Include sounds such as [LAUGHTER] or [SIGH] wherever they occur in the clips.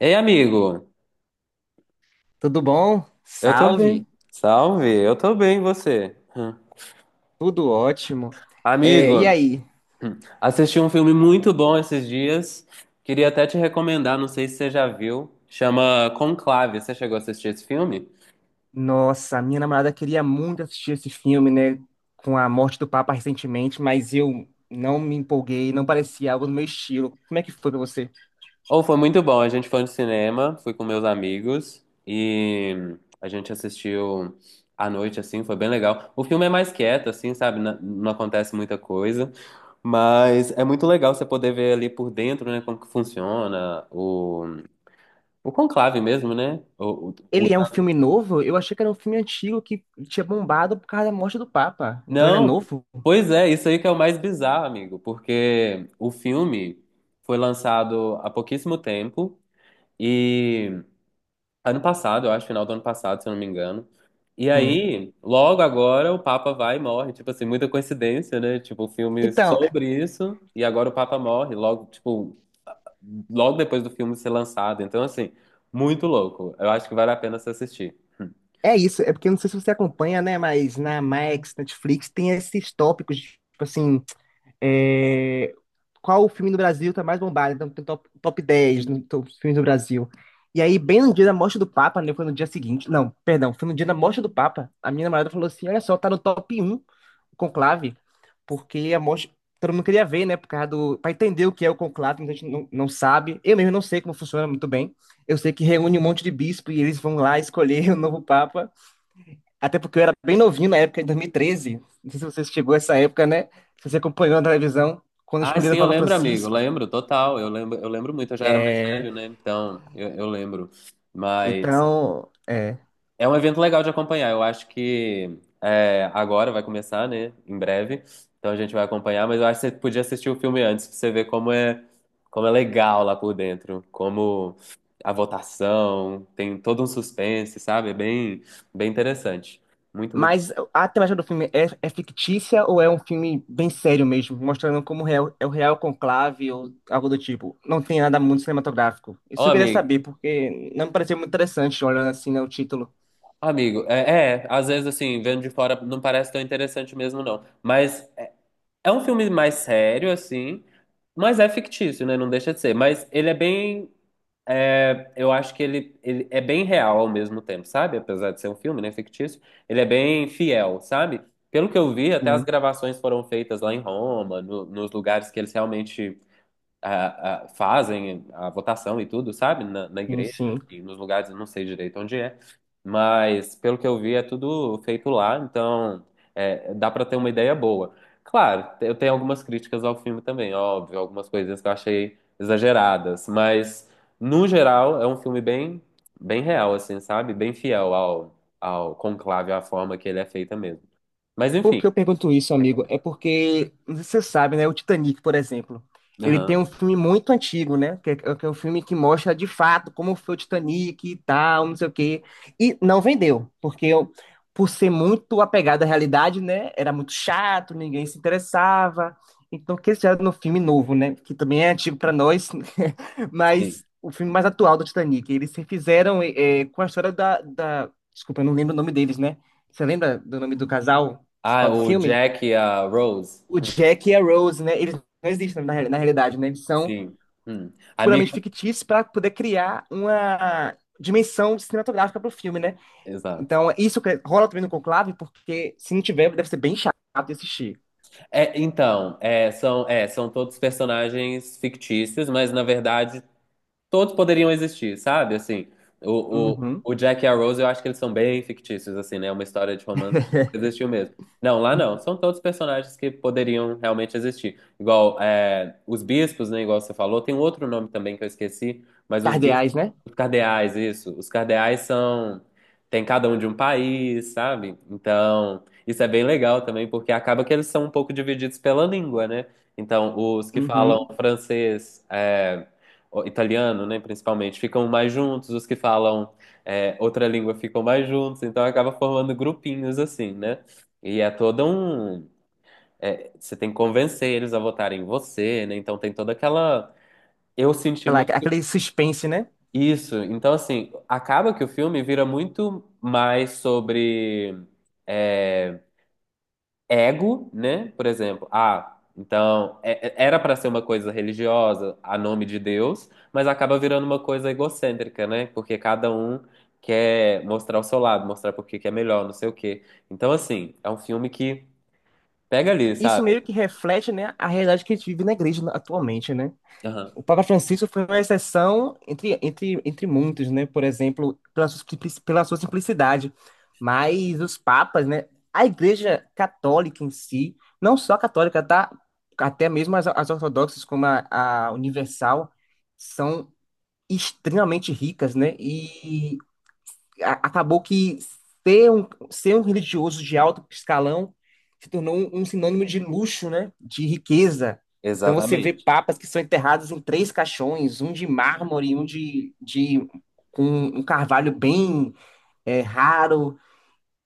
Ei, amigo, Tudo bom? eu tô bem. Salve! Salve, eu tô bem, e você? Hum. Tudo ótimo. E Amigo, aí? assisti um filme muito bom esses dias. Queria até te recomendar, não sei se você já viu. Chama Conclave. Você chegou a assistir esse filme? Nossa, minha namorada queria muito assistir esse filme, né? Com a morte do Papa recentemente, mas eu não me empolguei, não parecia algo do meu estilo. Como é que foi pra você? Ou foi muito bom. A gente foi no cinema, fui com meus amigos e a gente assistiu à noite, assim, foi bem legal. O filme é mais quieto, assim, sabe? Não acontece muita coisa. Mas é muito legal você poder ver ali por dentro, né, como que funciona o conclave mesmo, né? Ele o- é um filme novo? Eu achei que era um filme antigo que tinha bombado por causa da morte do Papa. Então ele é Não, novo? pois é, isso aí que é o mais bizarro, amigo, porque o filme foi lançado há pouquíssimo tempo e ano passado, eu acho, final do ano passado, se eu não me engano. E Hum. aí, logo agora, o Papa vai e morre. Tipo assim, muita coincidência, né? Tipo, o filme Então, sobre isso e agora o Papa morre, logo, tipo, logo depois do filme ser lançado. Então, assim, muito louco. Eu acho que vale a pena se assistir. é isso. É porque eu não sei se você acompanha, né? Mas na Max, Netflix, tem esses tópicos, de, tipo assim. É, qual o filme no Brasil está mais bombado? Então tem top, 10 no top filmes do Brasil. E aí, bem no dia da morte do Papa, né? Foi no dia seguinte. Não, perdão, foi no dia da morte do Papa. A minha namorada falou assim: olha só, tá no top um o conclave, porque a morte. Todo mundo queria ver, né? Por causa do. Pra entender o que é o conclave, muita gente não sabe. Eu mesmo não sei como funciona muito bem. Eu sei que reúne um monte de bispo e eles vão lá escolher [LAUGHS] o novo Papa. Até porque eu era bem novinho na época, em 2013. Não sei se você chegou a essa época, né? Se você acompanhou na televisão, quando Ah, escolheram sim, o eu Papa lembro, amigo, Francisco. lembro, total. Eu lembro muito, eu já era mais É, velho, né? Então, eu lembro. Mas então, é. é um evento legal de acompanhar. Eu acho que é, agora vai começar, né? Em breve. Então a gente vai acompanhar, mas eu acho que você podia assistir o filme antes pra você ver como é legal lá por dentro, como a votação, tem todo um suspense, sabe? É bem, bem interessante. Muito, muito. Mas a temática do filme é fictícia ou é um filme bem sério mesmo, mostrando como real, é o real conclave ou algo do tipo? Não tem nada muito cinematográfico. Ó, Isso eu queria amigo, saber, porque não me pareceu muito interessante, olhando assim, né, o título. amigo, às vezes assim, vendo de fora não parece tão interessante mesmo, não. Mas é um filme mais sério, assim, mas é fictício, né? Não deixa de ser. Mas ele é bem. Eu acho que ele é bem real ao mesmo tempo, sabe? Apesar de ser um filme, né? Fictício, ele é bem fiel, sabe? Pelo que eu vi, até as Sim, gravações foram feitas lá em Roma, nos lugares que eles realmente fazem a votação e tudo, sabe? Na sim, igreja, sim. enfim, nos lugares, eu não sei direito onde é, mas pelo que eu vi é tudo feito lá, então é, dá para ter uma ideia boa. Claro, eu tenho algumas críticas ao filme também, óbvio, algumas coisas que eu achei exageradas, mas no geral é um filme bem, bem real, assim, sabe? Bem fiel ao, ao conclave, à forma que ele é feita mesmo. Mas Por enfim, que eu pergunto isso, amigo? recomendo. É porque, você sabe, né? O Titanic, por exemplo, ele tem Aham, um filme muito antigo, né? Que é um filme que mostra de fato como foi o Titanic e tal, não sei o quê. E não vendeu, porque eu, por ser muito apegado à realidade, né? Era muito chato, ninguém se interessava. Então, que eles fizeram no filme novo, né? Que também é antigo para nós, [LAUGHS] sim. mas o filme mais atual do Titanic. Eles refizeram com a história da. Desculpa, eu não lembro o nome deles, né? Você lembra do nome do casal Ah, principal do o filme, Jack e a Rose. o Jack e a Rose, né? Eles não existem na, na realidade, né? Eles são Sim. Hum. Amigo. puramente fictícios para poder criar uma dimensão cinematográfica para o filme, né? Exato. Então, isso que rola também no Conclave, porque se não tiver, deve ser bem chato de assistir. É, então, são todos personagens fictícios, mas na verdade todos poderiam existir, sabe? Assim, Uhum. o Jack e a Rose, eu acho que eles são bem fictícios, assim, né? É uma história de romance que nunca existiu mesmo. Não, lá não. São todos personagens que poderiam realmente existir. Igual é, os bispos, né? Igual você falou, tem um outro nome também que eu esqueci, mas os bispos, Cardeais, né? os cardeais, isso. Os cardeais são. Tem cada um de um país, sabe? Então, isso é bem legal também, porque acaba que eles são um pouco divididos pela língua, né? Então, os que falam Uhum. francês. O- italiano, né, principalmente, ficam mais juntos, os que falam outra língua ficam mais juntos, então acaba formando grupinhos assim, né? E é todo um. Você tem que convencer eles a votarem em você, né? Então tem toda aquela. Eu senti muito Aquele suspense, né? isso. Então, assim, acaba que o filme vira muito mais sobre. é, ego, né? Por exemplo, ah, então era para ser uma coisa religiosa, a nome de Deus, mas acaba virando uma coisa egocêntrica, né? Porque cada um quer mostrar o seu lado, mostrar por que que é melhor, não sei o quê. Então, assim, é um filme que pega ali, Isso sabe? meio que reflete, né, a realidade que a gente vive na igreja atualmente, né? Aham. O Papa Francisco foi uma exceção entre muitos, né? Por exemplo, pela sua, pela sua simplicidade. Mas os papas, né? A Igreja Católica em si, não só a católica, tá? Até mesmo as, as ortodoxas, como a Universal, são extremamente ricas, né? Acabou que ser um religioso de alto escalão se tornou um sinônimo de luxo, né? De riqueza. Então você vê Exatamente. papas que são enterrados em três caixões, um de mármore, um de com um carvalho bem raro,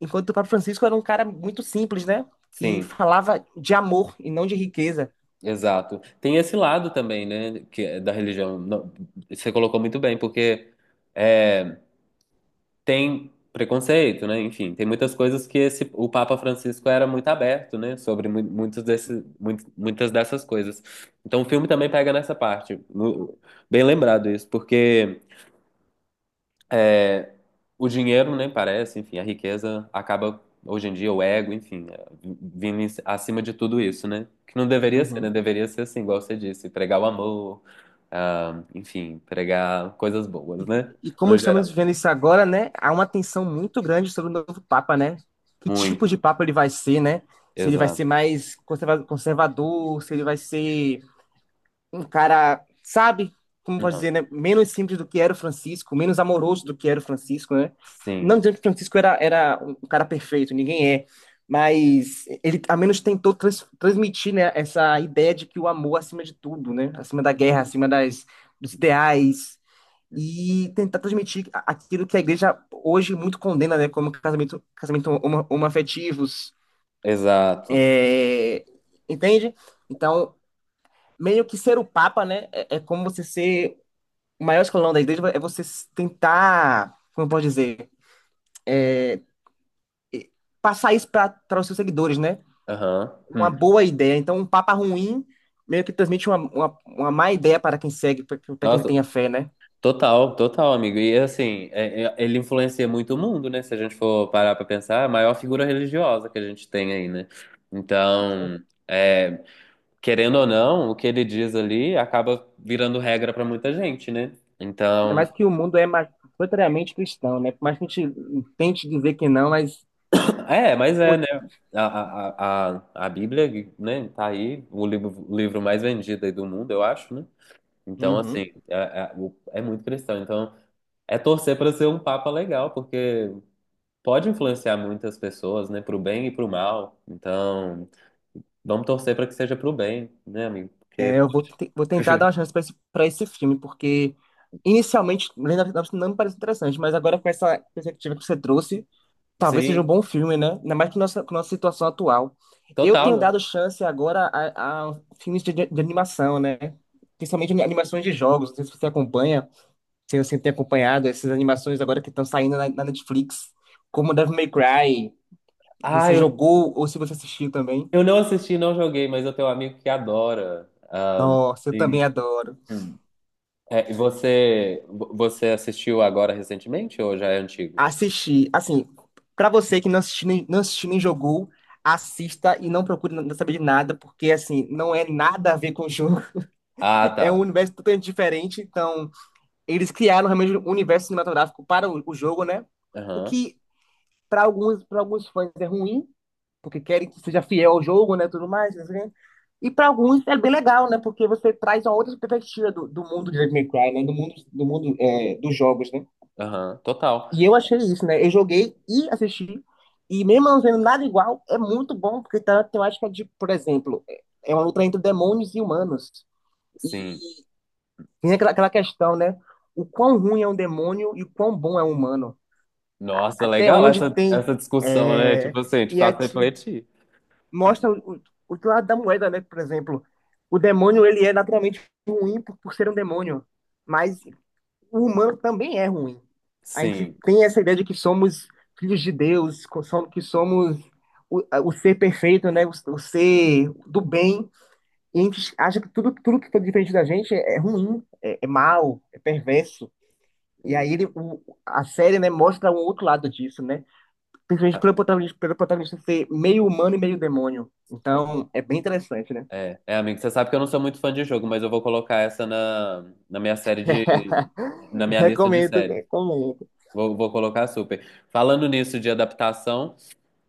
enquanto o Papa Francisco era um cara muito simples, né? Que Sim, falava de amor e não de riqueza. exato. Tem esse lado também, né? Que é da religião. Não, você colocou muito bem, porque é, tem preconceito, né? Enfim, tem muitas coisas que esse, o Papa Francisco era muito aberto, né? Sobre muitos desse, muitas dessas coisas. Então o filme também pega nessa parte. Bem lembrado isso, porque o dinheiro, né, parece, enfim, a riqueza acaba hoje em dia, o ego, enfim, é, acima de tudo isso, né? Que não deveria ser, né? Uhum. Deveria ser assim, igual você disse, pregar o amor, ah, enfim, pregar coisas boas, né? E como No geral. estamos vivendo isso agora, né, há uma tensão muito grande sobre o novo Papa, né? Que tipo Muito, de Papa ele vai ser, né? Se ele vai exato. ser mais conservador, se ele vai ser um cara, sabe? Como pode dizer, Aham. né? Menos simples do que era o Francisco, menos amoroso do que era o Francisco, né? Não Sim. dizendo que o Francisco era um cara perfeito, ninguém é. Mas ele, ao menos, tentou transmitir, né, essa ideia de que o amor é acima de tudo, né? Acima da guerra, acima das, dos ideais, e tentar transmitir aquilo que a igreja hoje muito condena, né, como casamento, casamento homoafetivos, Exato. é, entende? Então, meio que ser o papa, né, é como você ser o maior escolão da igreja, é você tentar, como eu posso dizer, passar isso para os seus seguidores, né? Aham. Uma Hum. boa ideia. Então, um papa ruim meio que transmite uma má ideia para quem segue, para quem tem Nossa, a fé, né? total, total, amigo. E assim, ele influencia muito o mundo, né? Se a gente for parar pra pensar, é a maior figura religiosa que a gente tem aí, né? Então, é, querendo ou não, o que ele diz ali acaba virando regra pra muita gente, né? Ainda Então, mais que o mundo é majoritariamente cristão, né? Por mais que a gente tente dizer que não, mas [CLEARS THROAT] é, mas pô, é, né? A Bíblia, né, tá aí, o livro mais vendido aí do mundo, eu acho, né? Então, assim, Uhum. O- é muito cristão. Então. É torcer para ser um papa legal, porque pode influenciar muitas pessoas, né, para o bem e para o mal. Então, vamos torcer para que seja para o bem, né, amigo? Porque É, vou tentar dar uma chance para esse, pra esse filme, porque inicialmente Lenda das Anápolis não me parece interessante, mas agora com essa perspectiva que você trouxe, talvez seja um sim, bom filme, né? Ainda mais com nossa situação atual. Eu total, tenho né? dado chance agora a filmes de animação, né? Principalmente animações de jogos. Não sei se você acompanha, se você tem acompanhado essas animações agora que estão saindo na, na Netflix, como Devil May Cry. Ah, Você jogou ou se você assistiu também? eu não assisti, não joguei, mas eu tenho um amigo que adora. Ah, Nossa, eu e, também adoro. hum. É, e você, você assistiu agora recentemente ou já é antigo? Assistir. Assim, pra você que não assistiu nem jogou, assista e não procure não saber de nada, porque, assim, não é nada a ver com o jogo. Ah, [LAUGHS] É um tá. universo totalmente diferente. Então, eles criaram realmente um universo cinematográfico para o jogo, né? O Aham, que, para alguns fãs, é ruim, porque querem que seja fiel ao jogo, né? Tudo mais. Assim. E para alguns é bem legal, né? Porque você traz uma outra perspectiva do, do mundo de Devil May Cry, né? Do mundo, dos jogos, né? aham, total. E eu achei isso, né? Eu joguei e assisti, e mesmo não vendo nada igual, é muito bom, porque tá a temática de, por exemplo, é uma luta entre demônios e humanos. E Sim. tem aquela questão, né? O quão ruim é um demônio e o quão bom é um humano. Nossa, Até legal onde essa, tem. essa discussão, né? É... Tipo assim, te E é, faz te- refletir. mostra o outro lado da moeda, né? Por exemplo, o demônio ele é naturalmente ruim por ser um demônio. Mas o humano também é ruim. A gente Sim. tem essa ideia de que somos filhos de Deus, que somos o ser perfeito, né? O ser do bem. E a gente acha que tudo que está diferente da gente é ruim, é mau, é perverso. E aí ele, a série, né, mostra um outro lado disso, né? Principalmente pelo protagonista ser meio humano e meio demônio. Então, é bem interessante, né? É, é, amigo, você sabe que eu não sou muito fã de jogo, mas eu vou colocar essa na, na minha série de, na [LAUGHS] minha lista de Recomendo, séries. recomendo, Vou colocar super. Falando nisso de adaptação,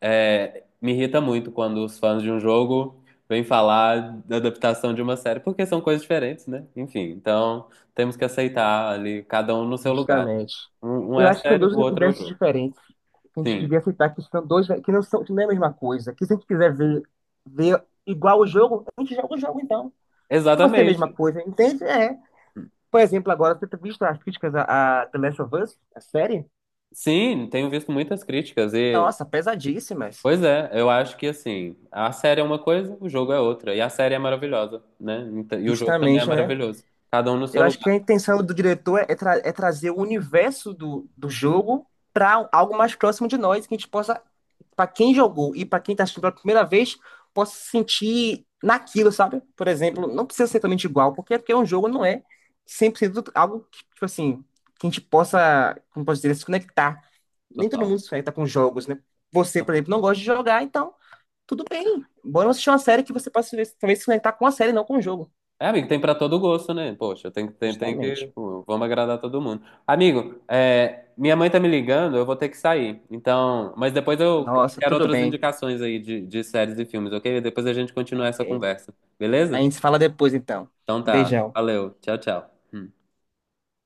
é, me irrita muito quando os fãs de um jogo vêm falar da adaptação de uma série, porque são coisas diferentes, né? Enfim, então temos que aceitar ali, cada um no seu lugar. Né? justamente. Um Eu é a acho que são série, dois o outro é o universos jogo. diferentes, que a gente Sim, devia aceitar que são dois, que não é a mesma coisa. Que se a gente quiser ver, ver igual o jogo, a gente joga o jogo então. Só vai ser a mesma exatamente. coisa, entende? É. Por exemplo, agora você tem visto as críticas a The Last of Us, a série? Sim, tenho visto muitas críticas e Nossa, pesadíssimas. pois é, eu acho que assim, a série é uma coisa, o jogo é outra. E a série é maravilhosa, né? Então- e o jogo também é Justamente, né? maravilhoso. Cada um no seu Eu acho que lugar, a intenção do diretor é, é trazer o universo do, do jogo para algo mais próximo de nós, que a gente possa, para quem jogou e para quem está assistindo pela primeira vez, possa se sentir naquilo, sabe? Por exemplo, não precisa ser totalmente igual, porque um jogo não é 100% algo que, tipo assim, que a gente possa, como posso dizer, se conectar. Nem todo total. mundo se conecta com jogos, né? Você, por exemplo, não gosta de jogar, então tudo bem. Bora assistir uma série que você possa talvez se conectar com a série, não com o jogo. É, amigo, tem pra todo gosto, né? Poxa, tem que. Justamente. Pô, vamos agradar todo mundo. Amigo, é, minha mãe tá me ligando, eu vou ter que sair. Então, mas depois eu Nossa, quero tudo outras bem. indicações aí de séries e filmes, ok? Depois a gente continua essa Ok. conversa, A beleza? gente se fala depois, então. Então tá, Beijão. valeu, tchau, tchau. Hum.